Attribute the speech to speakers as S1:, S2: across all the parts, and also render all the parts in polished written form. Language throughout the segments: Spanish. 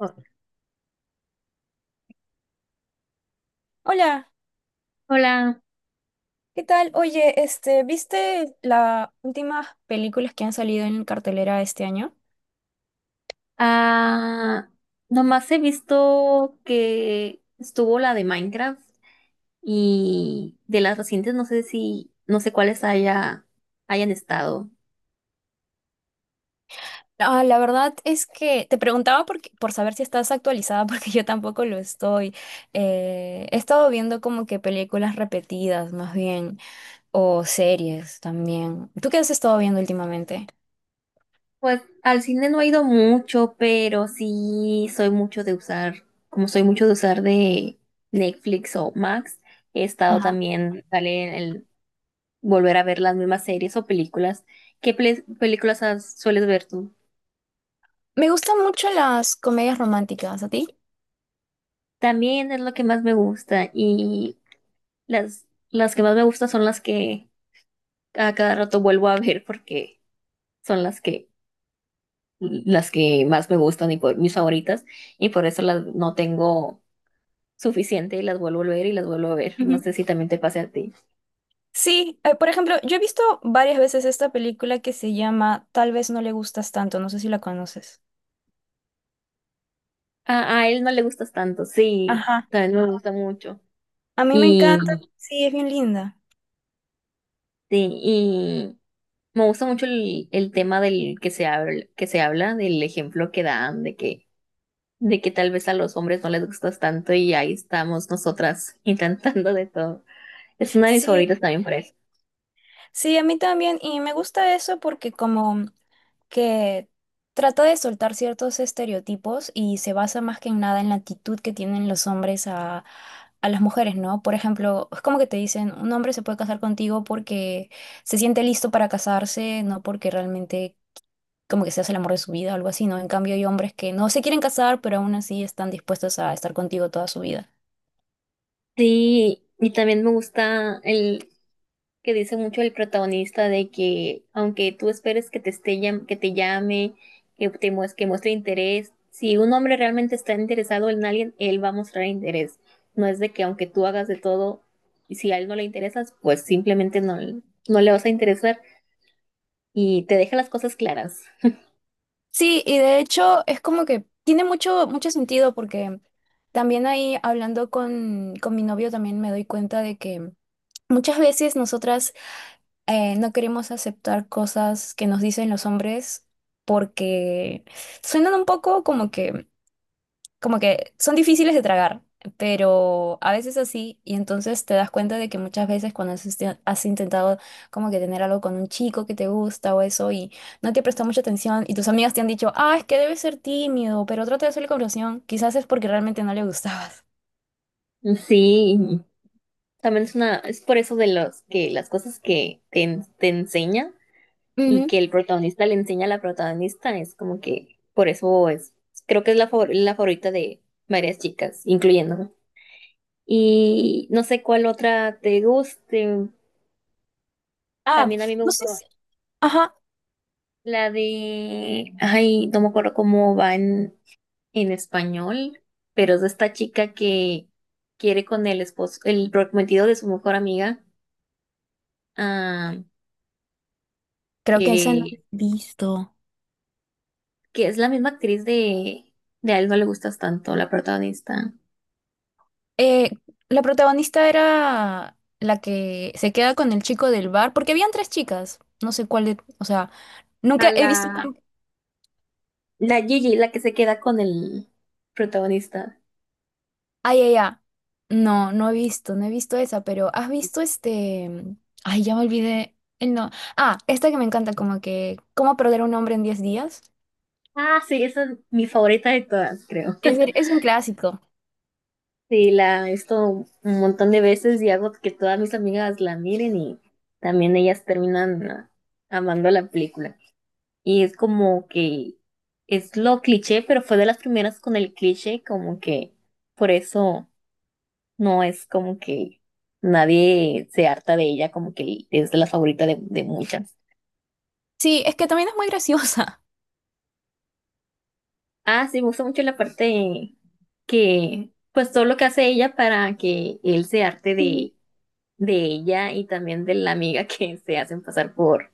S1: Oh,
S2: Hola,
S1: hola.
S2: ¿qué tal? Oye, ¿viste las últimas películas que han salido en cartelera este año?
S1: Ah, nomás he visto que estuvo la de Minecraft y de las recientes no sé si, no sé cuáles haya, hayan estado.
S2: Ah, la verdad es que te preguntaba por saber si estás actualizada, porque yo tampoco lo estoy. He estado viendo como que películas repetidas, más bien, o series también. ¿Tú qué has estado viendo últimamente?
S1: Pues al cine no he ido mucho, pero sí soy mucho de usar, como soy mucho de usar de Netflix o Max, he estado
S2: Ajá.
S1: también, sale en el volver a ver las mismas series o películas. ¿Qué películas sueles ver tú?
S2: Me gustan mucho las comedias románticas, ¿a ti?
S1: También es lo que más me gusta. Y Las que más me gustan son las que a cada rato vuelvo a ver porque son las que más me gustan y por mis favoritas, y por eso las no tengo suficiente y las vuelvo a ver y las vuelvo a ver. No
S2: Ujú.
S1: sé si también te pase a ti.
S2: Sí, por ejemplo, yo he visto varias veces esta película que se llama Tal vez no le gustas tanto, no sé si la conoces.
S1: A él no le gustas tanto, sí,
S2: Ajá.
S1: también me gusta mucho.
S2: A mí me
S1: Y,
S2: encanta, sí, es bien linda.
S1: sí, y me gusta mucho el tema del que se habla, del ejemplo que dan, de que tal vez a los hombres no les gustas tanto y ahí estamos nosotras intentando de todo. Es una de mis
S2: Sí,
S1: favoritas también por eso.
S2: sí, a mí también, y me gusta eso porque como que trata de soltar ciertos estereotipos y se basa más que en nada en la actitud que tienen los hombres a las mujeres, ¿no? Por ejemplo, es como que te dicen, un hombre se puede casar contigo porque se siente listo para casarse, no porque realmente como que seas el amor de su vida o algo así, ¿no? En cambio, hay hombres que no se quieren casar, pero aún así están dispuestos a estar contigo toda su vida.
S1: Sí, y también me gusta el que dice mucho el protagonista de que aunque tú esperes que te que te llame, que te que muestre interés, si un hombre realmente está interesado en alguien, él va a mostrar interés. No es de que aunque tú hagas de todo, y si a él no le interesas, pues simplemente no, no le vas a interesar y te deja las cosas claras.
S2: Sí, y de hecho es como que tiene mucho sentido porque también ahí hablando con mi novio también me doy cuenta de que muchas veces nosotras no queremos aceptar cosas que nos dicen los hombres porque suenan un poco como que son difíciles de tragar, pero a veces así, y entonces te das cuenta de que muchas veces cuando has intentado como que tener algo con un chico que te gusta o eso y no te presta mucha atención y tus amigas te han dicho, ah, es que debes ser tímido, pero trata de hacerle conversación, quizás es porque realmente no le gustabas.
S1: Sí, también es una, es por eso de los que las cosas que te, te enseña y
S2: Ujú.
S1: que el protagonista le enseña a la protagonista, es como que por eso es, creo que es la, la favorita de varias chicas, incluyéndome. Y no sé cuál otra te guste.
S2: Ah,
S1: También a mí me
S2: no
S1: gustó
S2: sé si... Ajá,
S1: la de, ay, no me acuerdo cómo va en español, pero es de esta chica que quiere con el esposo, el prometido de su mejor amiga, ah,
S2: creo que esa no lo
S1: que,
S2: he visto.
S1: que es la misma actriz de A él no le gustas tanto, la protagonista.
S2: Eh, la protagonista era la que se queda con el chico del bar, porque habían tres chicas. No sé cuál de- O sea,
S1: A
S2: nunca he
S1: la,
S2: visto con-
S1: la Gigi, la que se queda con el protagonista.
S2: Ay, ay, ay. No, no he visto esa, pero ¿has visto este? Ay, ya me olvidé el no. Ah, esta que me encanta, como que ¿Cómo perder a un hombre en 10 días?
S1: Ah, sí, esa es mi favorita de todas, creo.
S2: Es un clásico.
S1: Sí, la he visto un montón de veces y hago que todas mis amigas la miren y también ellas terminan ah, amando la película. Y es como que es lo cliché, pero fue de las primeras con el cliché, como que por eso no es como que nadie se harta de ella, como que es de la favorita de muchas.
S2: Sí, es que también es muy graciosa.
S1: Ah, sí, me gusta mucho la parte que pues todo lo que hace ella para que él se harte
S2: Ujú.
S1: de ella y también de la amiga que se hacen pasar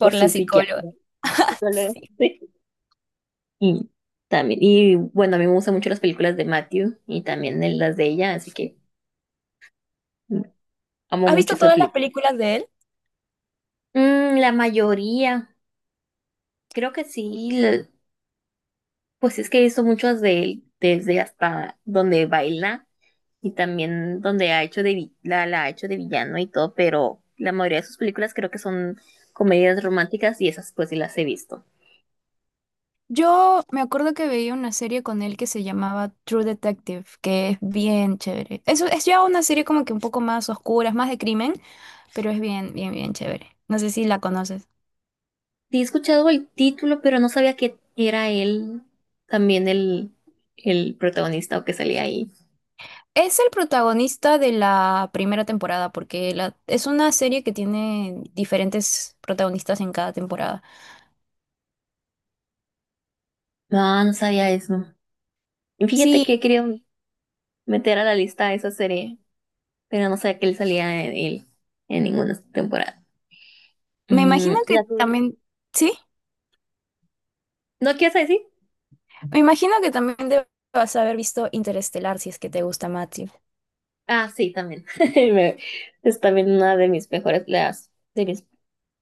S1: por
S2: la
S1: su
S2: psicóloga.
S1: psiquiatra.
S2: Sí.
S1: Sí. Y también, y bueno, a mí me gustan mucho las películas de Matthew y también las de ella, así que mm, amo
S2: ¿Has
S1: mucho
S2: visto
S1: esa
S2: todas las
S1: película.
S2: películas de él?
S1: Mm, la mayoría, creo que sí, pues es que he visto muchas de él, desde hasta donde baila. Y también donde ha hecho de la, la ha hecho de villano y todo, pero la mayoría de sus películas creo que son comedias románticas y esas pues sí las he visto.
S2: Yo me acuerdo que veía una serie con él que se llamaba True Detective, que es bien chévere. Eso es ya una serie como que un poco más oscura, es más de crimen, pero es bien chévere. No sé si la conoces.
S1: Sí he escuchado el título, pero no sabía que era él también el protagonista o que salía ahí.
S2: Es el protagonista de la primera temporada, porque es una serie que tiene diferentes protagonistas en cada temporada.
S1: No, no sabía eso. Y fíjate
S2: Sí,
S1: que quería meter a la lista esa serie, pero no sabía que él salía en él en ninguna temporada.
S2: me imagino
S1: Mm, la
S2: que también, sí,
S1: ¿No quieres decir?
S2: me imagino que también debas haber visto Interestelar si es que te gusta, Matthew.
S1: Ah, sí, también. Me- Es también una de mis mejores, las de mis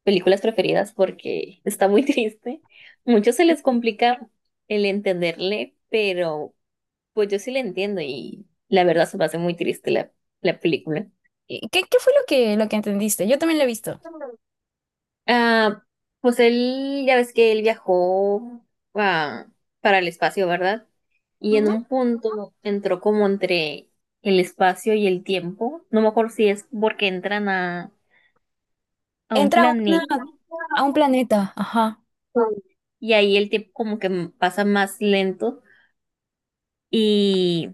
S1: películas preferidas porque está muy triste. Muchos se les complica el entenderle, pero pues yo sí le entiendo y la verdad se me hace muy triste la, la película.
S2: ¿Y ¿Qué fue lo que entendiste? Yo también lo he visto.
S1: Ah, pues él, ya ves que él viajó ah, para el espacio, ¿verdad? Y en un punto entró como entre el espacio y el tiempo. No me acuerdo si es porque entran a un
S2: Entra a, una-
S1: planeta
S2: a un planeta, ajá.
S1: y ahí el tiempo como que pasa más lento. Y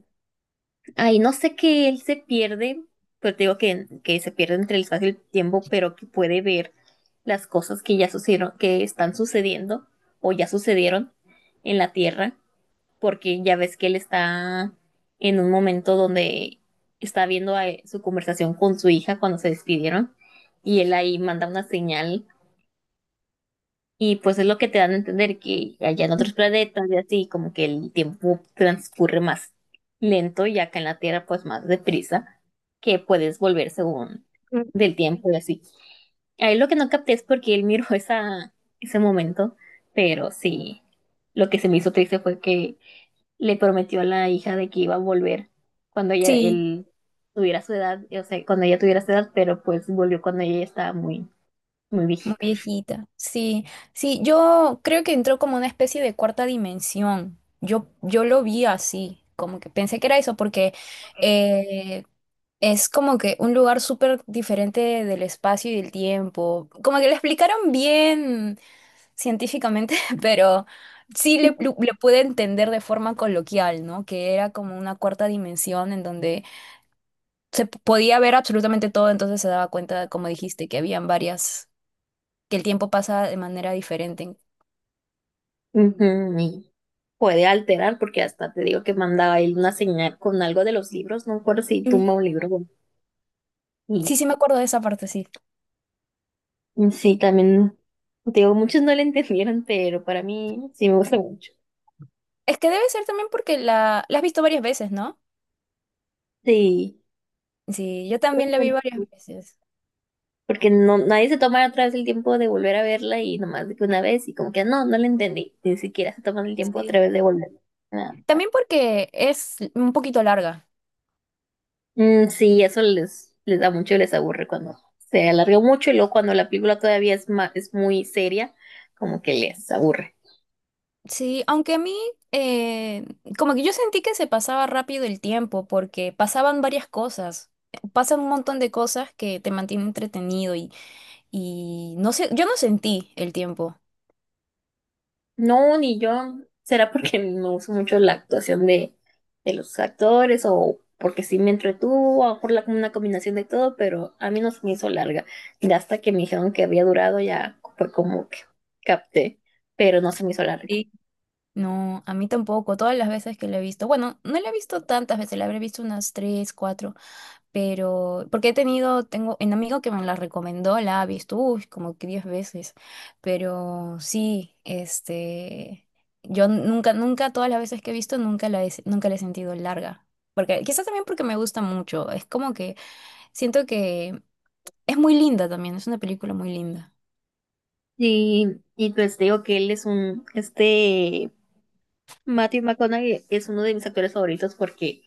S1: ahí no sé que él se pierde, pero te digo que se pierde entre el espacio y el tiempo, pero que puede ver las cosas que ya sucedieron, que están sucediendo o ya sucedieron en la Tierra, porque ya ves que él está en un momento donde está viendo su conversación con su hija cuando se despidieron y él ahí manda una señal y pues es lo que te dan a entender que allá en otros planetas y así, como que el tiempo transcurre más lento y acá en la Tierra pues más deprisa, que puedes volver según
S2: Mm,
S1: del tiempo y así. Ahí lo que no capté es porque él miró esa, ese momento, pero sí, lo que se me hizo triste fue que le prometió a la hija de que iba a volver cuando ella,
S2: sí,
S1: él tuviera su edad, o sea, cuando ella tuviera su edad, pero pues volvió cuando ella ya estaba muy, muy
S2: muy
S1: viejita.
S2: viejita. Sí, sí, yo creo que entró como una especie de cuarta dimensión. Yo lo vi así, como que pensé que era eso, porque eh, es como que un lugar súper diferente del espacio y del tiempo. Como que lo explicaron bien científicamente, pero sí le pude entender de forma coloquial, ¿no? Que era como una cuarta dimensión en donde podía ver absolutamente todo, entonces se daba cuenta, como dijiste, que el tiempo pasa de manera diferente.
S1: Ujú, y puede alterar, porque hasta te digo que mandaba él una señal con algo de los libros, no me acuerdo si
S2: Mm,
S1: tumba un libro. Bueno,
S2: sí,
S1: Y
S2: sí me acuerdo de esa parte, sí.
S1: y sí, también, te digo, muchos no le entendieron, pero para mí sí me gusta mucho.
S2: Es que debe ser también porque la has visto varias veces, ¿no?
S1: Sí,
S2: Sí, yo
S1: creo
S2: también
S1: que
S2: la vi
S1: tenemos
S2: varias veces.
S1: porque no, nadie se toma otra vez el tiempo de volver a verla y nomás de que una vez y como que no, no la entendí, ni siquiera se toman el tiempo otra
S2: Sí.
S1: vez de volver. Nada.
S2: También porque es un poquito larga.
S1: Mm, sí, eso les, les da mucho y les aburre cuando se alargó mucho y luego cuando la película todavía es, es muy seria, como que les aburre.
S2: Sí, aunque a mí, eh, como que yo sentí que se pasaba rápido el tiempo, porque pasaban varias cosas. Pasan un montón de cosas que te mantienen entretenido y no sé, yo no sentí el tiempo.
S1: No, ni yo. ¿Será porque no uso mucho la actuación de los actores o porque sí me entretuvo o por la, una combinación de todo? Pero a mí no se me hizo larga. Y hasta que me dijeron que había durado ya fue como que capté, pero no se me hizo larga.
S2: Sí. No, a mí tampoco. Todas las veces que la he visto, bueno, no la he visto tantas veces, la habré visto unas tres, cuatro, pero porque he tengo un amigo que me la recomendó, la ha visto, uy, como que 10 veces, pero sí, yo nunca, nunca, todas las veces que he visto, nunca la he sentido larga, porque quizás también porque me gusta mucho, es como que siento que es muy linda también, es una película muy linda.
S1: Y pues digo que él es un, este, Matthew McConaughey es uno de mis actores favoritos porque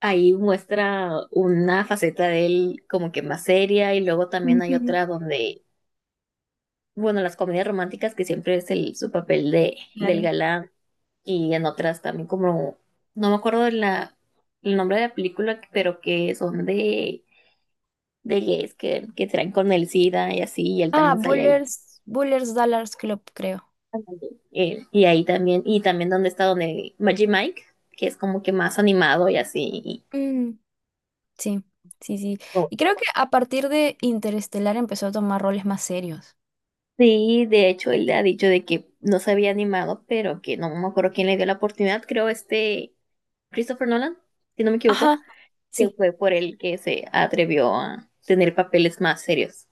S1: ahí muestra una faceta de él como que más seria y luego también hay
S2: Ujú.
S1: otra donde bueno, las comedias románticas que siempre es el, su papel de, del
S2: Claro.
S1: galán y en otras también como, no me acuerdo de la, el nombre de la película, pero que son de gays que traen con el SIDA y así, y él
S2: Ah,
S1: también sale ahí.
S2: Bullers Dallas Club, creo.
S1: Y ahí también, y también donde está donde Magic Mike, que es como que más animado y así.
S2: Mm, sí, sí. Y creo que a partir de Interestelar empezó a tomar roles más serios.
S1: Sí, de hecho, él le ha dicho de que no se había animado, pero que no me acuerdo quién le dio la oportunidad, creo este Christopher Nolan, si no me equivoco.
S2: Ajá,
S1: Que
S2: sí.
S1: fue por el que se atrevió a tener papeles más serios.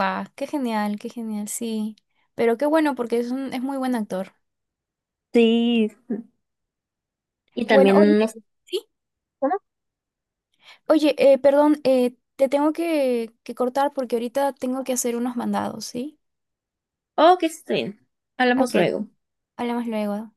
S2: Va, qué genial, sí. Pero qué bueno, porque es muy buen actor.
S1: Sí, y
S2: Bueno, oye,
S1: también no sé
S2: sí.
S1: cómo.
S2: Oye, perdón, te tengo que cortar porque ahorita tengo que hacer unos mandados, ¿sí?
S1: Oh, que está bien. Hablamos
S2: Ok,
S1: luego.
S2: hablamos luego.